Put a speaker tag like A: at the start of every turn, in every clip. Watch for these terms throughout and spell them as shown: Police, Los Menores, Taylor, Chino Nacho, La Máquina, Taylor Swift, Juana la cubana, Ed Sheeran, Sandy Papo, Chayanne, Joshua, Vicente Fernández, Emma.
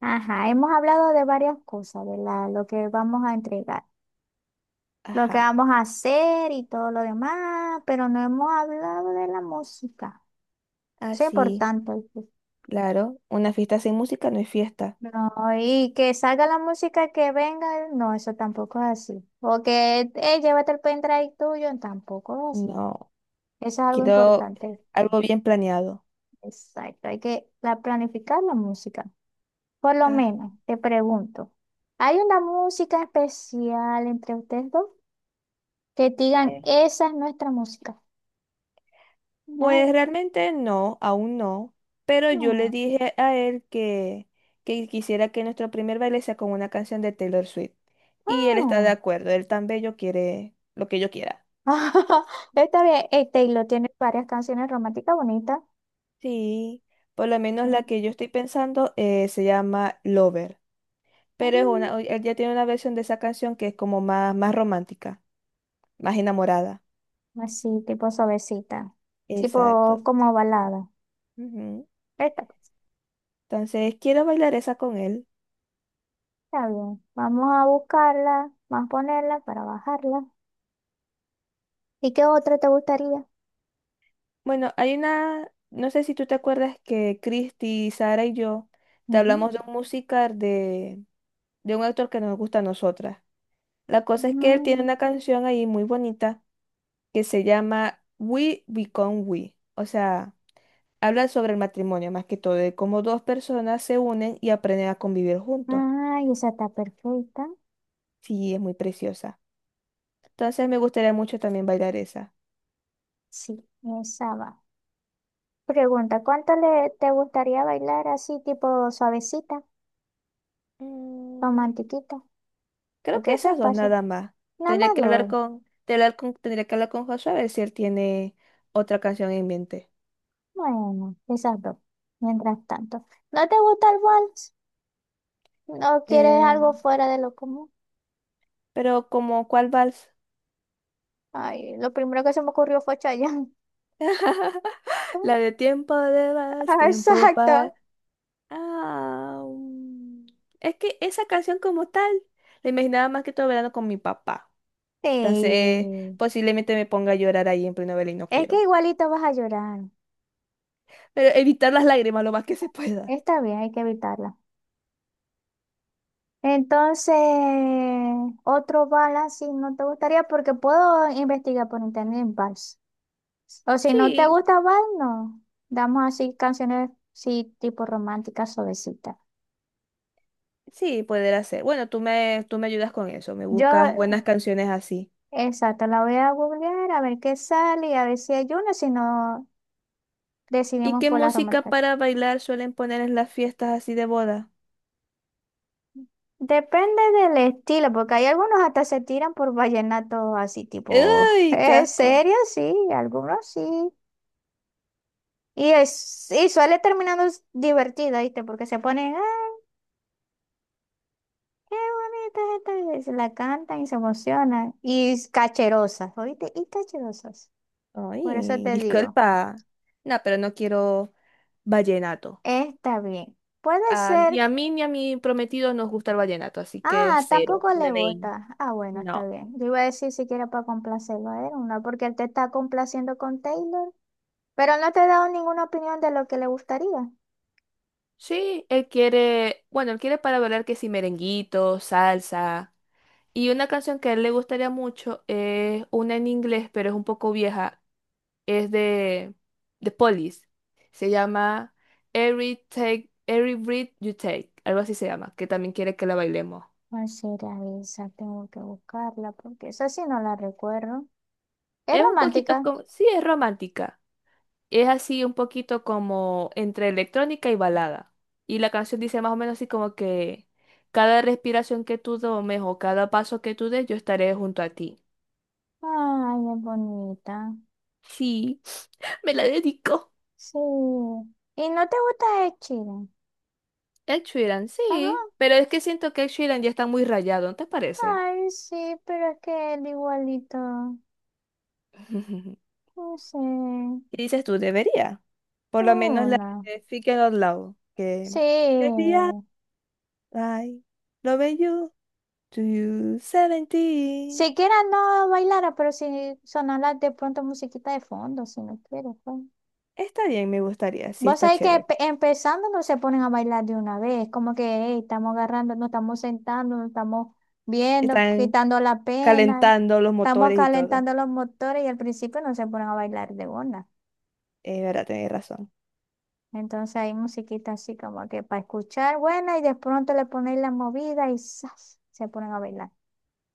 A: Ajá, hemos hablado de varias cosas, lo que vamos a entregar, lo que
B: Ajá,
A: vamos a hacer y todo lo demás, pero no hemos hablado de la música. Eso es
B: así,
A: importante. ¿Viste?
B: claro. Una fiesta sin música no es fiesta.
A: No, y que salga la música que venga, no, eso tampoco es así. O que, llévate el pendrive tuyo, tampoco es así.
B: No,
A: Eso es algo
B: quiero
A: importante.
B: algo bien planeado.
A: Exacto, hay que planificar la música. Por lo
B: Ah,
A: menos, te pregunto, ¿hay una música especial entre ustedes dos? Que te digan,
B: eh,
A: esa es nuestra música. Ay,
B: pues realmente no, aún no. Pero yo le
A: ah,
B: dije a él que quisiera que nuestro primer baile sea con una canción de Taylor Swift. Y él está de
A: ah.
B: acuerdo, él tan bello quiere lo que yo quiera.
A: Está bien, Taylor tiene varias canciones románticas bonitas.
B: Sí, por lo menos
A: Mm,
B: la que yo estoy pensando se llama Lover.
A: ah,
B: Pero es una, él ya tiene una versión de esa canción que es como más, más romántica. Más enamorada.
A: así, tipo suavecita. Tipo
B: Exacto.
A: como balada.
B: Ujú.
A: Esta,
B: Entonces, quiero bailar esa con él.
A: está bien. Vamos a buscarla, vamos a ponerla para bajarla. ¿Y qué otra te gustaría?
B: Bueno, hay una, no sé si tú te acuerdas que Cristi, Sara y yo te
A: Ujú.
B: hablamos de un musical de un actor que no nos gusta a nosotras. La cosa es que él tiene
A: Ah,
B: una canción ahí muy bonita que se llama We Become We. O sea, habla sobre el matrimonio más que todo, de cómo dos personas se unen y aprenden a convivir juntos.
A: ay, esa está perfecta.
B: Sí, es muy preciosa. Entonces, me gustaría mucho también bailar esa.
A: Sí, esa va. Pregunta, ¿cuánto le te gustaría bailar así, tipo suavecita,
B: Mm.
A: romantiquita?
B: Creo que
A: Porque eso es
B: esas dos
A: paso.
B: nada más.
A: Nada
B: Tendría
A: más
B: que hablar
A: dos.
B: con, tendría que hablar con Joshua a ver si él tiene otra canción en mente.
A: Bueno, quizás dos. Mientras tanto. ¿No te gusta el vals? ¿No quieres
B: Eh,
A: algo fuera de lo común?
B: pero ¿como cuál vals?
A: Ay, lo primero que se me ocurrió fue Chayanne.
B: La de tiempo de vals,
A: Ah,
B: tiempo
A: exacto.
B: para... Ah, es que esa canción como tal la imaginaba más que todo verano con mi papá.
A: Sí.
B: Entonces, posiblemente me ponga a llorar ahí en pleno verano y no
A: Es que
B: quiero.
A: igualito vas a llorar.
B: Pero evitar las lágrimas lo más que se pueda.
A: Está bien, hay que evitarla. Entonces, otro vals si no te gustaría, porque puedo investigar por internet en vals. O si no te
B: Sí.
A: gusta vals, no. Damos así canciones, sí, tipo románticas, suavecitas.
B: Sí, poder ser. Bueno, tú me ayudas con eso, me
A: Yo,
B: buscas buenas canciones así.
A: exacto, la voy a googlear a ver qué sale y a ver si hay una, si no
B: ¿Y
A: decidimos
B: qué
A: por las
B: música
A: románticas.
B: para bailar suelen poner en las fiestas así de boda?
A: Depende del estilo, porque hay algunos hasta se tiran por vallenatos así, tipo,
B: ¡Ay, qué
A: ¿en
B: asco!
A: serio? Sí, algunos sí. Y, es, y suele divertido, ¿viste? Porque se ponen, ¡ah, qué bonita esta! Y se la cantan y se emocionan. Y cacherosas, ¿oíste? Y cacherosas. Por eso
B: Ay,
A: te digo,
B: disculpa. No, pero no quiero vallenato.
A: está bien. Puede
B: Ah,
A: ser
B: ni a mí ni a mi prometido nos gusta el vallenato, así que
A: ah,
B: cero.
A: tampoco le
B: Nenén.
A: gusta. Ah, bueno, está
B: No.
A: bien. Yo iba a decir siquiera para complacerlo a él, ¿no? Porque él te está complaciendo con Taylor, pero no te he dado ninguna opinión de lo que le gustaría.
B: Sí, él quiere, bueno, él quiere para bailar que si merenguito, salsa. Y una canción que a él le gustaría mucho es una en inglés, pero es un poco vieja, es de Police. Se llama Every Breath You Take, algo así se llama, que también quiere que la bailemos.
A: ¿Cuál será esa? Tengo que buscarla porque esa sí no la recuerdo. Es
B: Es un poquito
A: romántica.
B: como, sí, es romántica. Es así un poquito como entre electrónica y balada. Y la canción dice más o menos así como que cada respiración que tú tomes o cada paso que tú des, yo estaré junto a ti.
A: Ay, es bonita.
B: Sí, me la dedico.
A: Sí. ¿Y no te gusta Ed Sheeran?
B: Ed Sheeran,
A: Ajá.
B: sí, pero es que siento que Ed Sheeran ya está muy rayado, ¿no te parece?
A: Ay, sí, pero es que él igualito. No sé.
B: ¿Qué dices tú? Debería. Por lo menos la
A: Una.
B: de Speaking Out Loud. Que debería.
A: Sí.
B: Ay, lo bello. To you 17.
A: Siquiera no bailara, pero si sonara de pronto musiquita de fondo, si no quiero, pues.
B: Está bien, me gustaría. Sí,
A: Vos
B: está
A: sabés que
B: chévere.
A: empezando no se ponen a bailar de una vez, como que hey, estamos agarrando, nos estamos sentando, nos estamos viendo,
B: Están
A: quitando la pena,
B: calentando los
A: estamos
B: motores y todo.
A: calentando los motores y al principio no se ponen a bailar de una.
B: Es verdad, tenés razón.
A: Entonces hay musiquita así como que para escuchar buena y de pronto le ponéis la movida y ¡zas! Se ponen a bailar.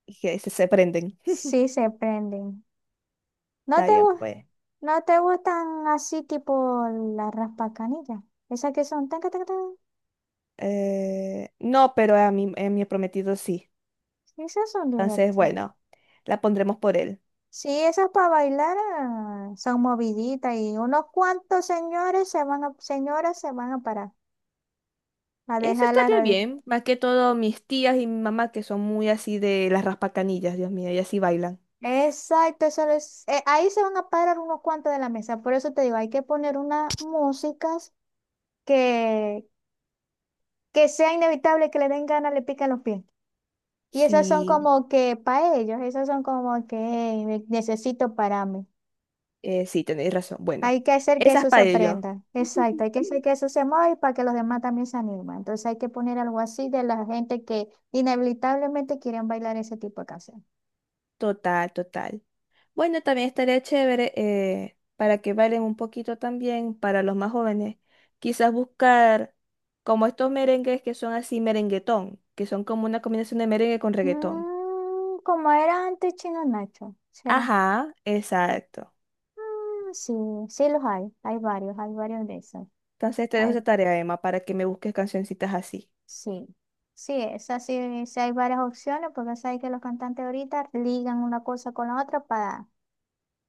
B: Y se prenden.
A: Sí se prenden. ¿No
B: Está
A: te
B: bien,
A: gus-
B: pues.
A: ¿No te gustan así tipo las raspacanillas? Esas que son tan, tan, tan, tan.
B: No, pero a mi prometido sí.
A: Esas son
B: Entonces,
A: divertidas.
B: bueno, la pondremos por él.
A: Sí, esas para bailar ah, son moviditas y unos cuantos señores se van a, señoras se van a parar a
B: Eso
A: dejar la
B: estaría
A: radio.
B: bien, más que todo mis tías y mi mamá que son muy así de las raspacanillas, Dios mío, ellas sí bailan.
A: Exacto, ahí se van a parar unos cuantos de la mesa. Por eso te digo, hay que poner unas músicas que, que sea inevitable que le den ganas, le pican los pies. Y esas son
B: Sí,
A: como que para ellos, esas son como que "Ey, necesito para mí.
B: sí, tenéis razón. Bueno,
A: Hay que hacer que
B: esas
A: eso se
B: para ello.
A: aprenda. Exacto, hay que hacer que eso se mueva y para que los demás también se animen. Entonces hay que poner algo así de la gente que inevitablemente quieren bailar ese tipo de canción.
B: Total, total. Bueno, también estaría chévere para que bailen un poquito también para los más jóvenes. Quizás buscar como estos merengues que son así merenguetón, que son como una combinación de merengue con reggaetón.
A: Mm, como era antes Chino Nacho, ¿será?
B: Ajá, exacto.
A: Mm, sí, sí los hay, hay varios de esos.
B: Entonces te dejo
A: Hay-
B: esa tarea, Emma, para que me busques cancioncitas así.
A: sí. Sí, esas sí, sí hay varias opciones porque sabes que los cantantes ahorita ligan una cosa con la otra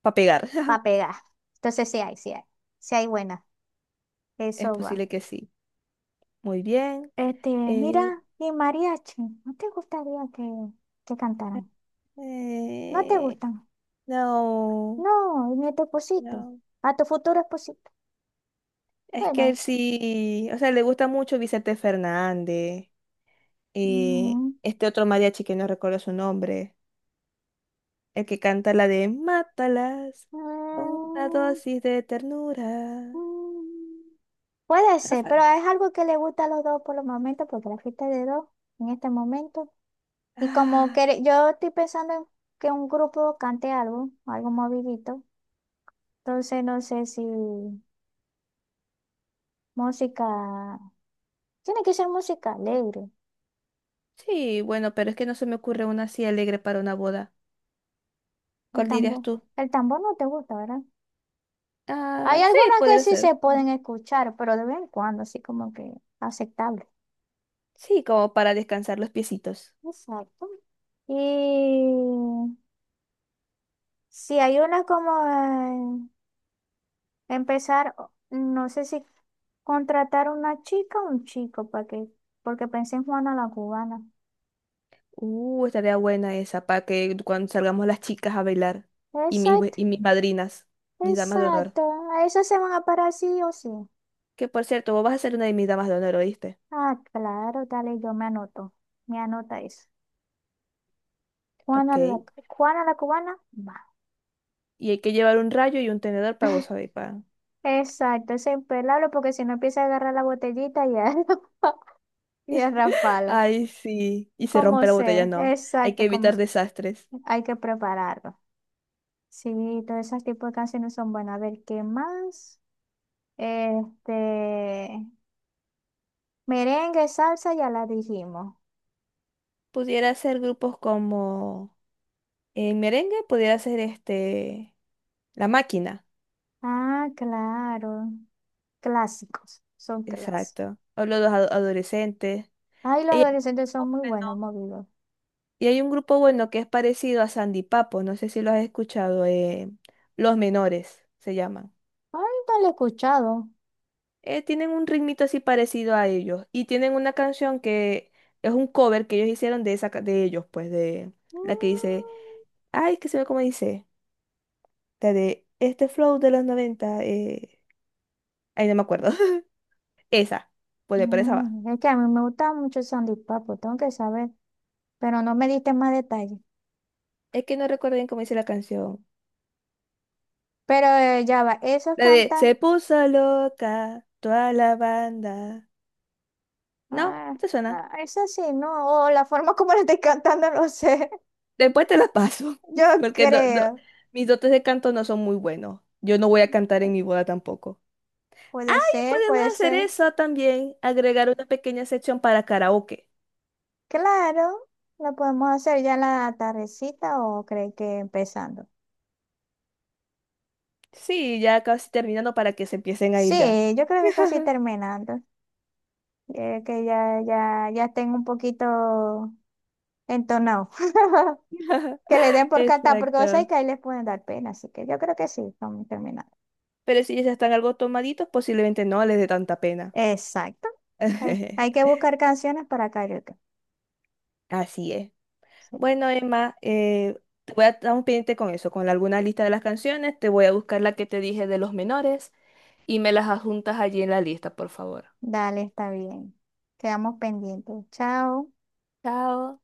B: Para pegar.
A: para pegar. Entonces sí hay, sí hay, sí hay buena.
B: Es
A: Eso va.
B: posible que sí. Muy bien.
A: Este, mira,
B: Eh,
A: y mariachi, ¿no te gustaría que, ¿que cantaran? ¿No te
B: eh,
A: gustan?
B: no,
A: No, ni a tu esposito,
B: no.
A: a tu futuro esposito.
B: Es que
A: Bueno,
B: él sí, o sea, le gusta mucho Vicente Fernández.
A: mm,
B: Este otro mariachi que no recuerdo su nombre. El que canta la de Mátalas con una
A: mm,
B: dosis de ternura.
A: mm, puede
B: Ah,
A: ser,
B: fa-
A: pero es algo que le gusta a los dos por los momentos, porque la fiesta es de dos en este momento. Y como
B: ah,
A: que yo estoy pensando en que un grupo cante algo, algo movidito. Entonces no sé si música, tiene que ser música alegre.
B: sí, bueno, pero es que no se me ocurre una así alegre para una boda.
A: El
B: ¿Cuál dirías
A: tambor,
B: tú?
A: el tambor no te gusta, ¿verdad? Hay
B: Ah, sí,
A: algunas que
B: podría
A: sí se
B: ser.
A: pueden escuchar, pero de vez en cuando, así como que aceptable.
B: Sí, como para descansar los piecitos.
A: Exacto. Y si hay unas como eh, empezar, no sé si contratar una chica o un chico, para que, porque pensé en Juana la cubana.
B: Estaría buena esa, para que cuando salgamos las chicas a bailar y
A: Exacto,
B: y mis madrinas, mis damas de honor.
A: exacto. A eso se van a parar sí o sí.
B: Que por cierto, vos vas a ser una de mis damas de honor, ¿oíste?
A: Ah, claro, dale, yo me anoto. Me anota eso. Juana la,
B: Ok.
A: Juana la cubana, va.
B: Y hay que llevar un rayo y un tenedor para vos, ¿sabéis? Pa.
A: Exacto, es impelable porque si no empieza a agarrar la botellita y a, y a rasparla.
B: Ay, sí. Y se
A: Como
B: rompe la botella,
A: sé,
B: no. Hay que
A: exacto, como
B: evitar
A: sé.
B: desastres.
A: Hay que prepararlo. Sí, todos esos tipos de canciones son buenas. A ver, ¿qué más? Este, merengue, salsa, ya la dijimos.
B: Pudiera ser grupos como en merengue, pudiera ser este La Máquina.
A: Ah, claro. Clásicos, son clásicos.
B: Exacto. O adolescentes.
A: Ay, los
B: Ahí es
A: adolescentes son muy
B: joven,
A: buenos,
B: ¿no?
A: movidos.
B: Y hay un grupo bueno que es parecido a Sandy Papo, no sé si lo has escuchado, Los Menores se llaman.
A: Ay, no lo he escuchado.
B: Tienen un ritmito así parecido a ellos y tienen una canción que es un cover que ellos hicieron de ellos, pues de la que dice,
A: Mm.
B: ay, es que se ve cómo dice, la de este flow de los 90 ay, no me acuerdo. Esa, pues por esa va.
A: Mm, es que a mí me gustaba mucho el sandipapo, tengo que saber, pero no me diste más detalles.
B: Es que no recuerdo bien cómo dice la canción.
A: Pero ya va, eso
B: La de
A: canta,
B: se puso loca toda la banda. ¿No?
A: ah,
B: No, ¿te suena?
A: ah, eso sí, no, o la forma como lo estoy cantando, no sé,
B: Después te la paso,
A: yo
B: porque
A: creo,
B: mis dotes de canto no son muy buenos. Yo no voy a cantar en mi boda tampoco. Y podemos
A: puede
B: hacer
A: ser,
B: eso también, agregar una pequeña sección para karaoke.
A: claro, lo podemos hacer ya en la tardecita o cree que empezando.
B: Sí, ya casi terminando para que se empiecen a ir ya.
A: Sí, yo creo que casi terminando, que ya tengo un poquito entonado. Que le den por cantar, porque vos sabés
B: Exacto.
A: que ahí les pueden dar pena, así que yo creo que sí, estamos terminados.
B: Pero si ya están algo tomaditos, posiblemente no les dé tanta pena.
A: Exacto. Hay que buscar canciones para karaoke.
B: Así es.
A: Sí.
B: Bueno, Emma, te voy a estar un pendiente con eso, con alguna lista de las canciones. Te voy a buscar la que te dije de los menores, y me las adjuntas allí en la lista, por favor.
A: Dale, está bien. Quedamos pendientes. Chao.
B: Chao.